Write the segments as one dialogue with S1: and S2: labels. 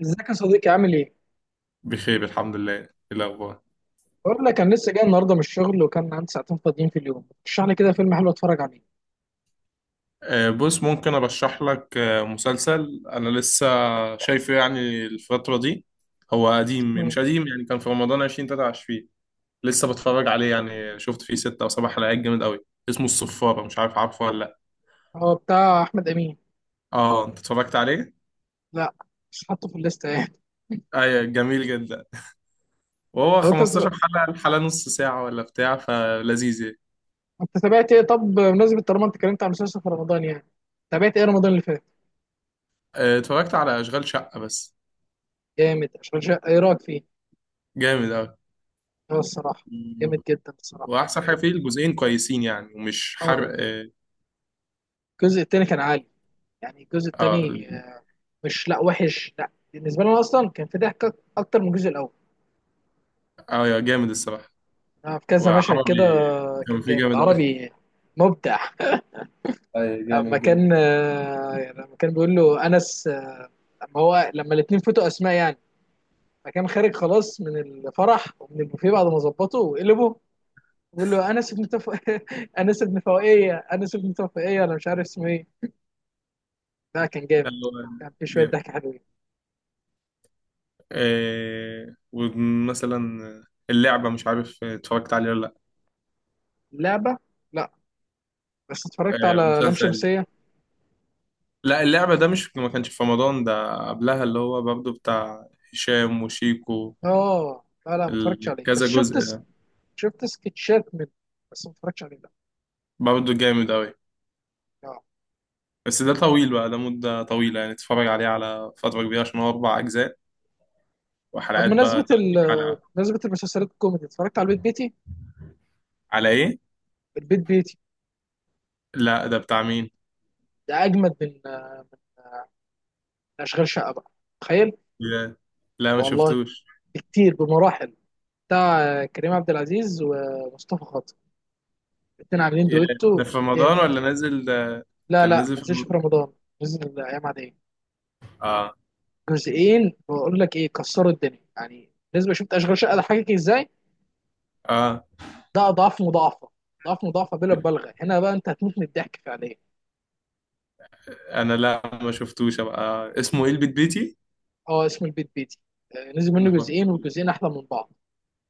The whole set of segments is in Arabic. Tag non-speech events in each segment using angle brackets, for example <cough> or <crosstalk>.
S1: ازيك يا صديقي؟ عامل ايه؟
S2: بخير الحمد لله. إيه الأخبار؟
S1: بقول لك انا لسه جاي النهارده من الشغل وكان عندي ساعتين فاضيين في اليوم، رشح لي كده فيلم حلو اتفرج عليه.
S2: بص ممكن أرشح لك مسلسل، أنا لسه شايفه يعني الفترة دي. هو قديم
S1: اسمه ايه؟
S2: مش قديم، يعني كان في رمضان 2023. لسه بتفرج عليه، يعني شفت فيه ستة أو سبع حلقات. جامد أوي، اسمه الصفارة. مش عارف عارفه ولا لأ.
S1: هو بتاع احمد امين.
S2: أه، أنت اتفرجت عليه؟
S1: لا، مش حاطه في الليسته يعني.
S2: أيوة جميل جدا. وهو
S1: هو انت
S2: 15 حلقة، الحلقة نص ساعة ولا بتاع، فلذيذ يعني.
S1: انت تابعت ايه؟ طب بمناسبه طالما انت اتكلمت عن مسلسل في رمضان يعني، تابعت ايه رمضان اللي فات؟
S2: اتفرجت على أشغال شقة بس.
S1: جامد، اشغال شقه ايه رايك فيه؟
S2: جامد أوي.
S1: اه، الصراحه جامد جدا الصراحه.
S2: واحسن حاجه فيه، الجزئين كويسين يعني ومش
S1: اه،
S2: حرق. آه،
S1: الجزء التاني كان عالي، يعني الجزء
S2: اه.
S1: التاني مش، لا وحش، لا بالنسبه لنا اصلا كان في ضحك اكتر من الجزء الاول.
S2: اه يا جامد الصراحة.
S1: في كذا مشهد
S2: وعربي
S1: كده
S2: كان
S1: كان
S2: فيه
S1: جامد.
S2: جامد أوي.
S1: عربي مبدع.
S2: اي
S1: لما
S2: جامد جامد.
S1: كان يعني لما كان بيقول له انس لما هو لما الاثنين فوتوا اسماء يعني فكان خارج خلاص من الفرح ومن البوفيه بعد ما ظبطه وقلبه بيقول له انس ابن <laughs> انس ابن فوقيه، انس ابن تفوقيه، انا مش عارف اسمه ايه. لا كان جامد،
S2: اللي هو
S1: كان في شويه
S2: جامد.
S1: ضحك حلوين.
S2: آه، ومثلا اللعبة، مش عارف اتفرجت عليه ولا لا.
S1: اللعبه، لا. بس اتفرجت
S2: آه
S1: على لام
S2: مسلسل.
S1: شمسيه.
S2: لا اللعبة ده مش، ما كانش في رمضان، ده قبلها، اللي هو برضه بتاع هشام وشيكو.
S1: اه لا لا، ما اتفرجتش عليه، بس
S2: كذا
S1: شفت
S2: جزء ده.
S1: شفت سكتشات منه، بس ما اتفرجتش عليه، لا.
S2: برضه جامد أوي.
S1: آه.
S2: بس ده طويل بقى، ده مدة طويلة يعني، تتفرج عليه على فترة كبيرة عشان هو أربع أجزاء.
S1: طب
S2: وحلقات بقى
S1: بمناسبة
S2: 30 حلقة.
S1: بمناسبة المسلسلات الكوميدي، اتفرجت على البيت بيتي؟
S2: على إيه؟
S1: البيت بيتي
S2: لا ده بتاع مين؟
S1: ده اجمد من اشغال شقه بقى، تخيل.
S2: يا، لا ما
S1: والله
S2: شفتوش.
S1: كتير بمراحل. بتاع كريم عبد العزيز ومصطفى خاطر، الاتنين عاملين
S2: يا،
S1: دويتو
S2: ده في رمضان
S1: جامد.
S2: ولا نازل ده؟
S1: لا
S2: كان
S1: لا، ما
S2: نازل في
S1: نزلش في
S2: رمضان.
S1: رمضان، نزل الايام عاديه.
S2: اه.
S1: جزئين بقول لك ايه، كسروا الدنيا يعني. بالنسبه، شفت اشغال شقه ده حقيقي ازاي؟
S2: اه.
S1: ده اضعاف مضاعفه، اضعاف مضاعفه بلا مبالغه. هنا بقى انت هتموت من الضحك فعليا.
S2: انا لا ما شفتوش. ابقى اسمه ايه؟ البيت بيتي.
S1: اه، اسم البيت بيتي. آه، نزل منه
S2: نحطه
S1: جزئين
S2: فيه.
S1: والجزئين احلى من بعض.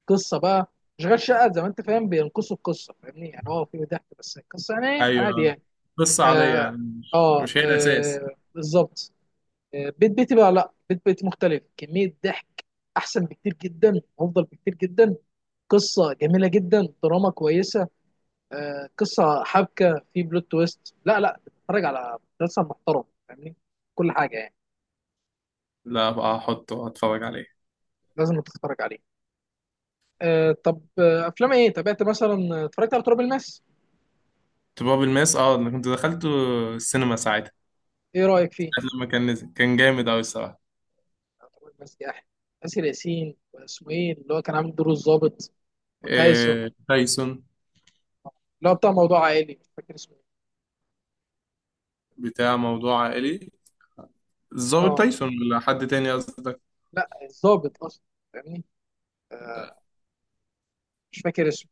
S1: قصه بقى، اشغال شقه زي ما انت فاهم بينقصوا القصه، فاهمني؟ يعني هو في ضحك بس القصه يعني إيه؟ عادي
S2: ايوه
S1: يعني.
S2: قصة عادية
S1: اه.
S2: يعني، مش
S1: اه,
S2: هي الاساس.
S1: آه بالظبط. آه، بيت بيتي بقى، لا بيت بيتي مختلف، كميه ضحك احسن بكتير جدا، افضل بكتير جدا. قصه جميله جدا، دراما كويسه، آه قصه، حبكه، في بلوت تويست. لا لا، تتفرج على مسلسل محترم، فاهمني؟ كل حاجه يعني.
S2: لا ابقى احطه اتفرج عليه.
S1: لازم تتفرج عليه. آه. طب افلام ايه تابعت مثلا؟ اتفرجت على تراب الماس.
S2: تراب الماس، اه انا كنت دخلته السينما ساعتها.
S1: ايه رايك فيه؟
S2: ساعة لما كان نزل كان جامد اوي الصراحة.
S1: يعتبر ميسي احلى. ياسر ياسين، واسمه ايه اللي هو كان عامل دور الضابط؟ وتايسون،
S2: إيه تايسون؟
S1: اللي هو بتاع موضوع عائلي، مش فاكر اسمه ايه.
S2: بتاع موضوع عائلي؟ الظابط
S1: اه
S2: تايسون ولا حد تاني قصدك؟
S1: لا، الضابط اصلا، فاهمني؟ آه، مش فاكر اسمه،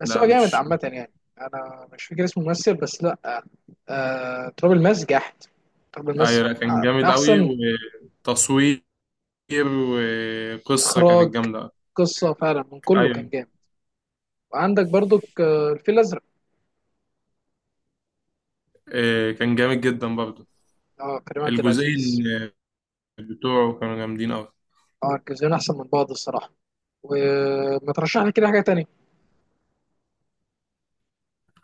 S1: بس
S2: لا
S1: هو جامد
S2: مش.
S1: عامة يعني. أنا مش فاكر اسمه ممثل بس، لأ. تراب الماس جحد. تراب الماس
S2: ايوه، لا
S1: من
S2: كان
S1: من
S2: جامد قوي.
S1: أحسن
S2: وتصوير وقصه
S1: إخراج،
S2: كانت جامده.
S1: قصة، فعلا من كله كان
S2: ايوه.
S1: جامد. وعندك برضك الفيل الأزرق.
S2: إيه، كان جامد جدا برضه.
S1: أه، كريم عبد العزيز.
S2: الجزئين بتوعه كانوا جامدين قوي.
S1: أه، الجزئين أحسن من بعض الصراحة. وما ترشح لي كده حاجة تانية؟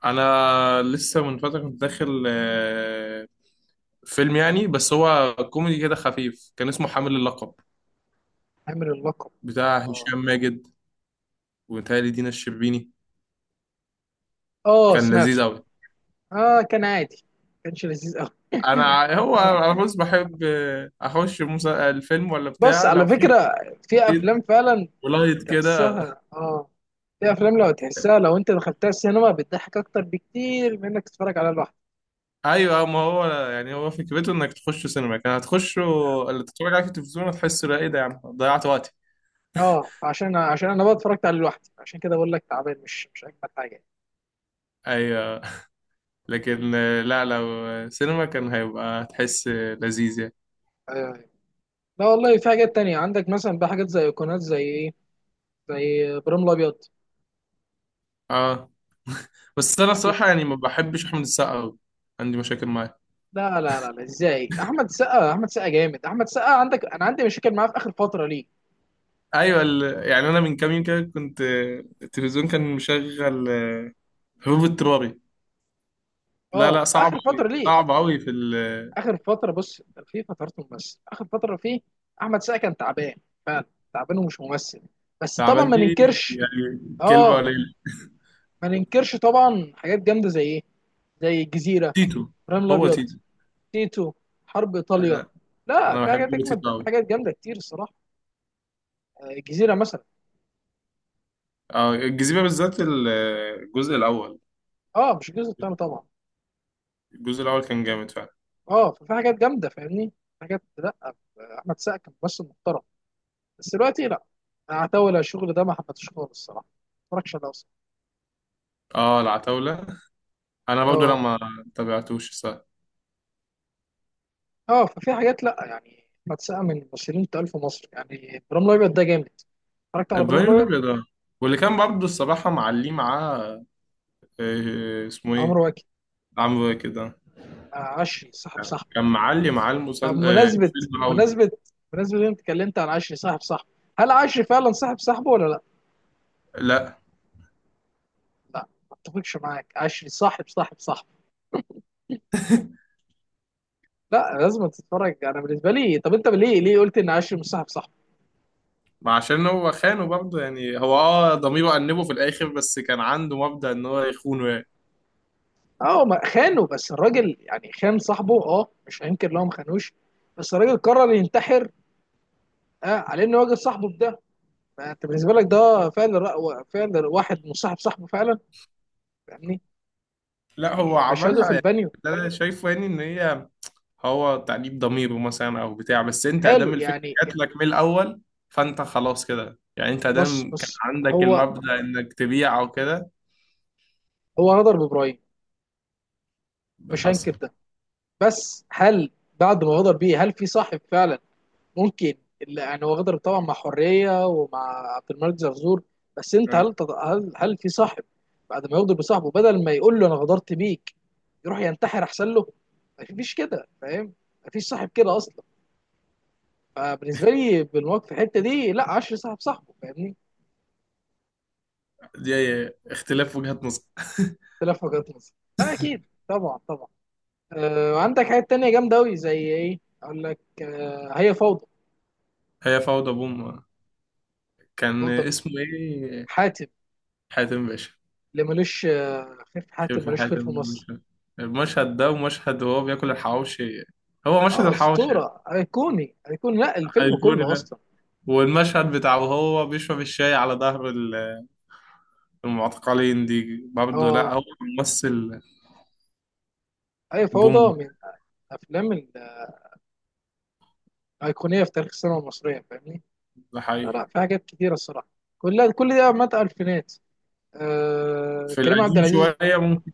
S2: انا لسه من فتره كنت داخل فيلم يعني، بس هو كوميدي كده خفيف، كان اسمه حامل اللقب،
S1: عامل اللقب،
S2: بتاع
S1: اه
S2: هشام ماجد وتهيألي دينا الشربيني.
S1: اه
S2: كان لذيذ
S1: سمعته.
S2: قوي.
S1: اه كان عادي، كانش لذيذ قوي. <coughs> <laughs>
S2: هو
S1: انا،
S2: عاوز، بحب اخش الفيلم ولا
S1: بص
S2: بتاع
S1: على
S2: لو في
S1: فكره، في
S2: جديد،
S1: افلام فعلا
S2: ولايت كده.
S1: تحسها، اه في افلام لو تحسها، لو انت دخلتها السينما بتضحك اكتر بكتير من انك تتفرج عليها لوحدك.
S2: ايوه، ما هو يعني، هو فكرته انك تخش سينما، كان هتخش اللي تتفرج عليه في التلفزيون هتحس لا ايه ده يا عم، ضيعت وقتي.
S1: اه، عشان انا بقى اتفرجت عليه لوحدي، عشان كده بقول لك تعبان، مش اجمد حاجه.
S2: ايوه، لكن لا لو سينما كان هيبقى، هتحس لذيذ يعني.
S1: آه. لا والله في حاجات تانية عندك مثلا بقى، حاجات زي ايقونات، زي ايه؟ زي ابراهيم الابيض
S2: اه، بس انا
S1: كده.
S2: الصراحه يعني ما بحبش احمد السقا أوي. عندي مشاكل معاه.
S1: لا لا لا لا، ازاي؟ احمد سقا، احمد سقا جامد. احمد سقا عندك، انا عندي مشاكل معاه في اخر فتره ليه.
S2: ايوه يعني انا من كام يوم كده كنت التلفزيون كان مشغل هروب اضطراري. لا لا،
S1: اه،
S2: صعب
S1: اخر فتره
S2: قوي
S1: ليه.
S2: صعب قوي في.
S1: اخر فتره بص، في فترات ممثل اخر فتره فيه احمد سقا كان تعبان فعلا، تعبان ومش ممثل. بس طبعا
S2: التعبان
S1: ما
S2: دي
S1: ننكرش.
S2: يعني كلمه
S1: اه،
S2: قليله.
S1: ما ننكرش طبعا حاجات جامده، زي ايه؟ زي الجزيره،
S2: تيتو.
S1: ابراهيم
S2: هو
S1: الابيض،
S2: تيتو.
S1: تيتو، حرب ايطاليا.
S2: انا،
S1: لا،
S2: أنا
S1: في
S2: بحب
S1: حاجات اجمد،
S2: تيتو
S1: في
S2: قوي.
S1: حاجات جامده كتير الصراحه. آه، الجزيره مثلا.
S2: اه الجزيرة بالذات الجزء الأول.
S1: اه، مش الجزء الثاني طبعا.
S2: الجزء الأول كان جامد فعلا.
S1: اه ففي حاجات جامده، فاهمني؟ حاجات، لا احمد سقا كان ممثل محترم، بس دلوقتي لا. اعتول، على الشغل ده ما حبيتهوش خالص الصراحه، ما اتفرجش عليه أصلاً.
S2: اه العتاولة، أنا برضو
S1: اه.
S2: لما تابعتوش صح.
S1: اه ففي حاجات، لا يعني بتسقى من الممثلين التقال في مصر يعني. ابراهيم الابيض ده جامد، اتفرجت على
S2: البريو
S1: ابراهيم الابيض.
S2: الأبيض اه. واللي كان برضو الصراحة معليه معاه اسمه إيه،
S1: عمرو واكد،
S2: عمرو كده.
S1: عشري صاحب صاحبه.
S2: كان معلي معاه
S1: طب
S2: المسل... آه،
S1: مناسبة،
S2: الفيلم أوي.
S1: مناسبة مناسبة إن انت اتكلمت عن عشري صاحب صاحبه، هل عشري فعلا صاحب صاحبه ولا لا؟
S2: لا،
S1: لا ما اتفقش معاك، عشري صاحب صاحبه، لا لازم تتفرج. انا بالنسبه لي، طب انت ليه، قلت ان عشري مش صاحب صاحبه؟
S2: ما عشان هو خانه برضه يعني، هو اه ضميره أنبه في الآخر بس كان عنده مبدأ إن هو يخونه يعني.
S1: اه ما خانه، بس الراجل يعني خان صاحبه، اه مش هينكر لو ما خانوش. بس الراجل قرر ينتحر، آه على انه واجه صاحبه. فانت بالنسبه لك ده فعلا، فعلا واحد مصاحب صاحبه فعلا، فاهمني؟
S2: لا هو
S1: يعني مشهده في
S2: عملها يعني.
S1: البانيو
S2: اللي أنا شايفه يعني إن هي، هو تأنيب ضميره مثلا او بتاع، بس انت
S1: حلو
S2: ادام الفكره
S1: يعني.
S2: جات لك من الاول، فانت خلاص كده يعني، انت
S1: بص
S2: ادام كان
S1: بص،
S2: عندك
S1: هو
S2: المبدأ انك تبيع او كده.
S1: هو غدر بابراهيم،
S2: ده
S1: مش
S2: حصل.
S1: هنكر ده. بس هل بعد ما غدر بيه هل في صاحب فعلا؟ ممكن، اللي يعني هو غدر طبعا مع حريه ومع عبد الملك زرزور، بس انت هل
S2: أيوة.
S1: هل في صاحب بعد ما يغدر بصاحبه بدل ما يقول له انا غدرت بيك يروح ينتحر احسن له؟ مفيش كده، فاهم؟ مفيش صاحب كده اصلا. فبالنسبه لي، بالمواقف في الحته دي، لا 10 صاحب صاحبه، فاهمني؟
S2: دي اختلاف وجهات نظر. <laughs>
S1: اختلاف وجهات نظر، لا اكيد طبعا طبعا. آه، وعندك حاجات تانية جامده قوي، زي ايه؟ اقول لك، آه هي فوضى.
S2: هي فوضى بوم. كان
S1: فوضى من
S2: اسمه ايه؟
S1: حاتم،
S2: حاتم باشا.
S1: اللي ملوش خير في حاتم
S2: شايف
S1: ملوش خير
S2: حاتم
S1: في مصر.
S2: مش عارف. المشهد ده ومشهد وهو بياكل الحواوشي، هو مشهد
S1: اه،
S2: الحواوشي
S1: اسطوره، ايقوني ايقوني، لا الفيلم
S2: ايقوني
S1: كله
S2: ده.
S1: اصلا.
S2: والمشهد بتاع وهو بيشرب الشاي على ظهر المعتقلين دي برضه، لا
S1: اه،
S2: هو ممثل
S1: هي
S2: بوم.
S1: فوضى من الافلام الايقونيه في تاريخ السينما المصريه، فاهمني؟
S2: ده
S1: لا
S2: حقيقي.
S1: لا، في حاجات كتيره الصراحه، كلها. كل ده مات الفينات. آه
S2: في
S1: كريم عبد
S2: القديم
S1: العزيز.
S2: شوية ممكن.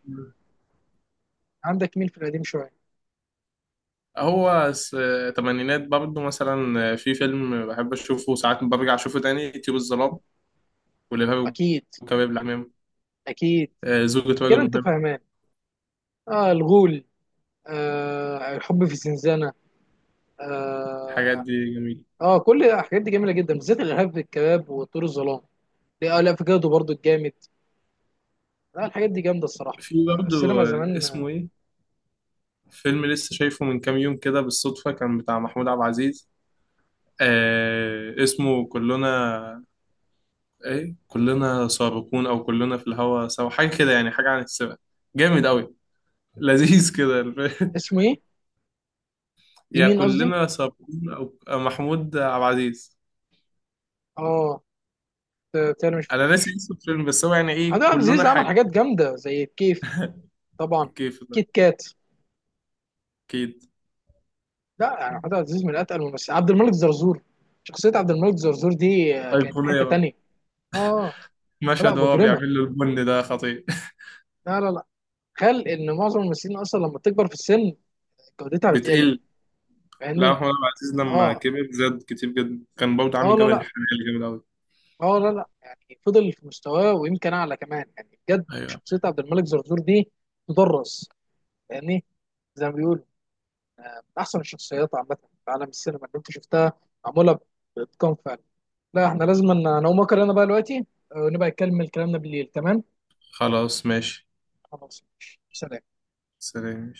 S1: عندك مين في القديم شويه؟
S2: هو س- تمانينات برضه مثلا، في فيلم بحب أشوفه ساعات برجع أشوفه تاني، طيور الظلام والإرهاب
S1: اكيد،
S2: والكباب العمام،
S1: اكيد
S2: زوجة رجل
S1: كده انت
S2: مهم.
S1: فاهمان. اه، الغول، آه الحب في زنزانه.
S2: الحاجات
S1: اه،
S2: دي جميلة.
S1: اه كل الحاجات دي جميله جدا، بالذات الارهاب في الكباب وطيور الظلام. لا آه لا، افوكادو برضو الجامد. لا الحاجات دي جامده الصراحه.
S2: في
S1: آه،
S2: برضه
S1: السينما زمان.
S2: اسمه إيه، فيلم لسه شايفه من كام يوم كده بالصدفة، كان بتاع محمود عبد العزيز. آه اسمه كلنا إيه، كلنا سابقون أو كلنا في الهوى سوا، حاجة كده يعني، حاجة عن السباق. جامد أوي، لذيذ كده. <laughs>
S1: اسمه ايه؟
S2: يا
S1: لمين قصدي؟
S2: كلنا صابرين او، أو محمود عبد العزيز.
S1: اه. تاني، ما
S2: انا ناسي
S1: شفتوش.
S2: اسم الفيلم بس هو يعني
S1: محمود
S2: ايه
S1: عبد
S2: كلنا
S1: العزيز عمل
S2: حاجه.
S1: حاجات جامده زي كيف
S2: في
S1: طبعا،
S2: الكيف ده
S1: كيت كات.
S2: اكيد.
S1: لا يعني محمود عبد العزيز من اتقل الممثلين. عبد الملك زرزور، شخصيه عبد الملك زرزور دي كانت في
S2: ايقونيه
S1: حته
S2: بقى.
S1: تانيه. اه. لا
S2: مشهد وهو
S1: مجرمه،
S2: بيعمل له البن ده خطير.
S1: لا لا. خل ان معظم الممثلين اصلا لما بتكبر في السن
S2: <laughs>
S1: جودتها بتقل،
S2: بتقل. لا
S1: فاهمني؟
S2: محمود عبد العزيز لما
S1: اه،
S2: كبر زاد كتير جدا، كان برضه
S1: اه
S2: عامل
S1: لا
S2: جبل
S1: لا،
S2: الحلال جامد قوي.
S1: اه لا لا، يعني فضل في مستواه ويمكن اعلى كمان يعني بجد.
S2: ايوه.
S1: شخصيه عبد الملك زرزور دي تدرس، فاهمني؟ زي ما بيقولوا من احسن الشخصيات عامه في عالم السينما اللي انت شفتها، معموله باتقان فعلا. لا احنا لازم نقوم اكل انا بقى دلوقتي، ونبقى نكمل كلامنا بالليل، تمام؟
S2: خلاص ماشي.
S1: خلاص ماشي. سلام.
S2: سلام.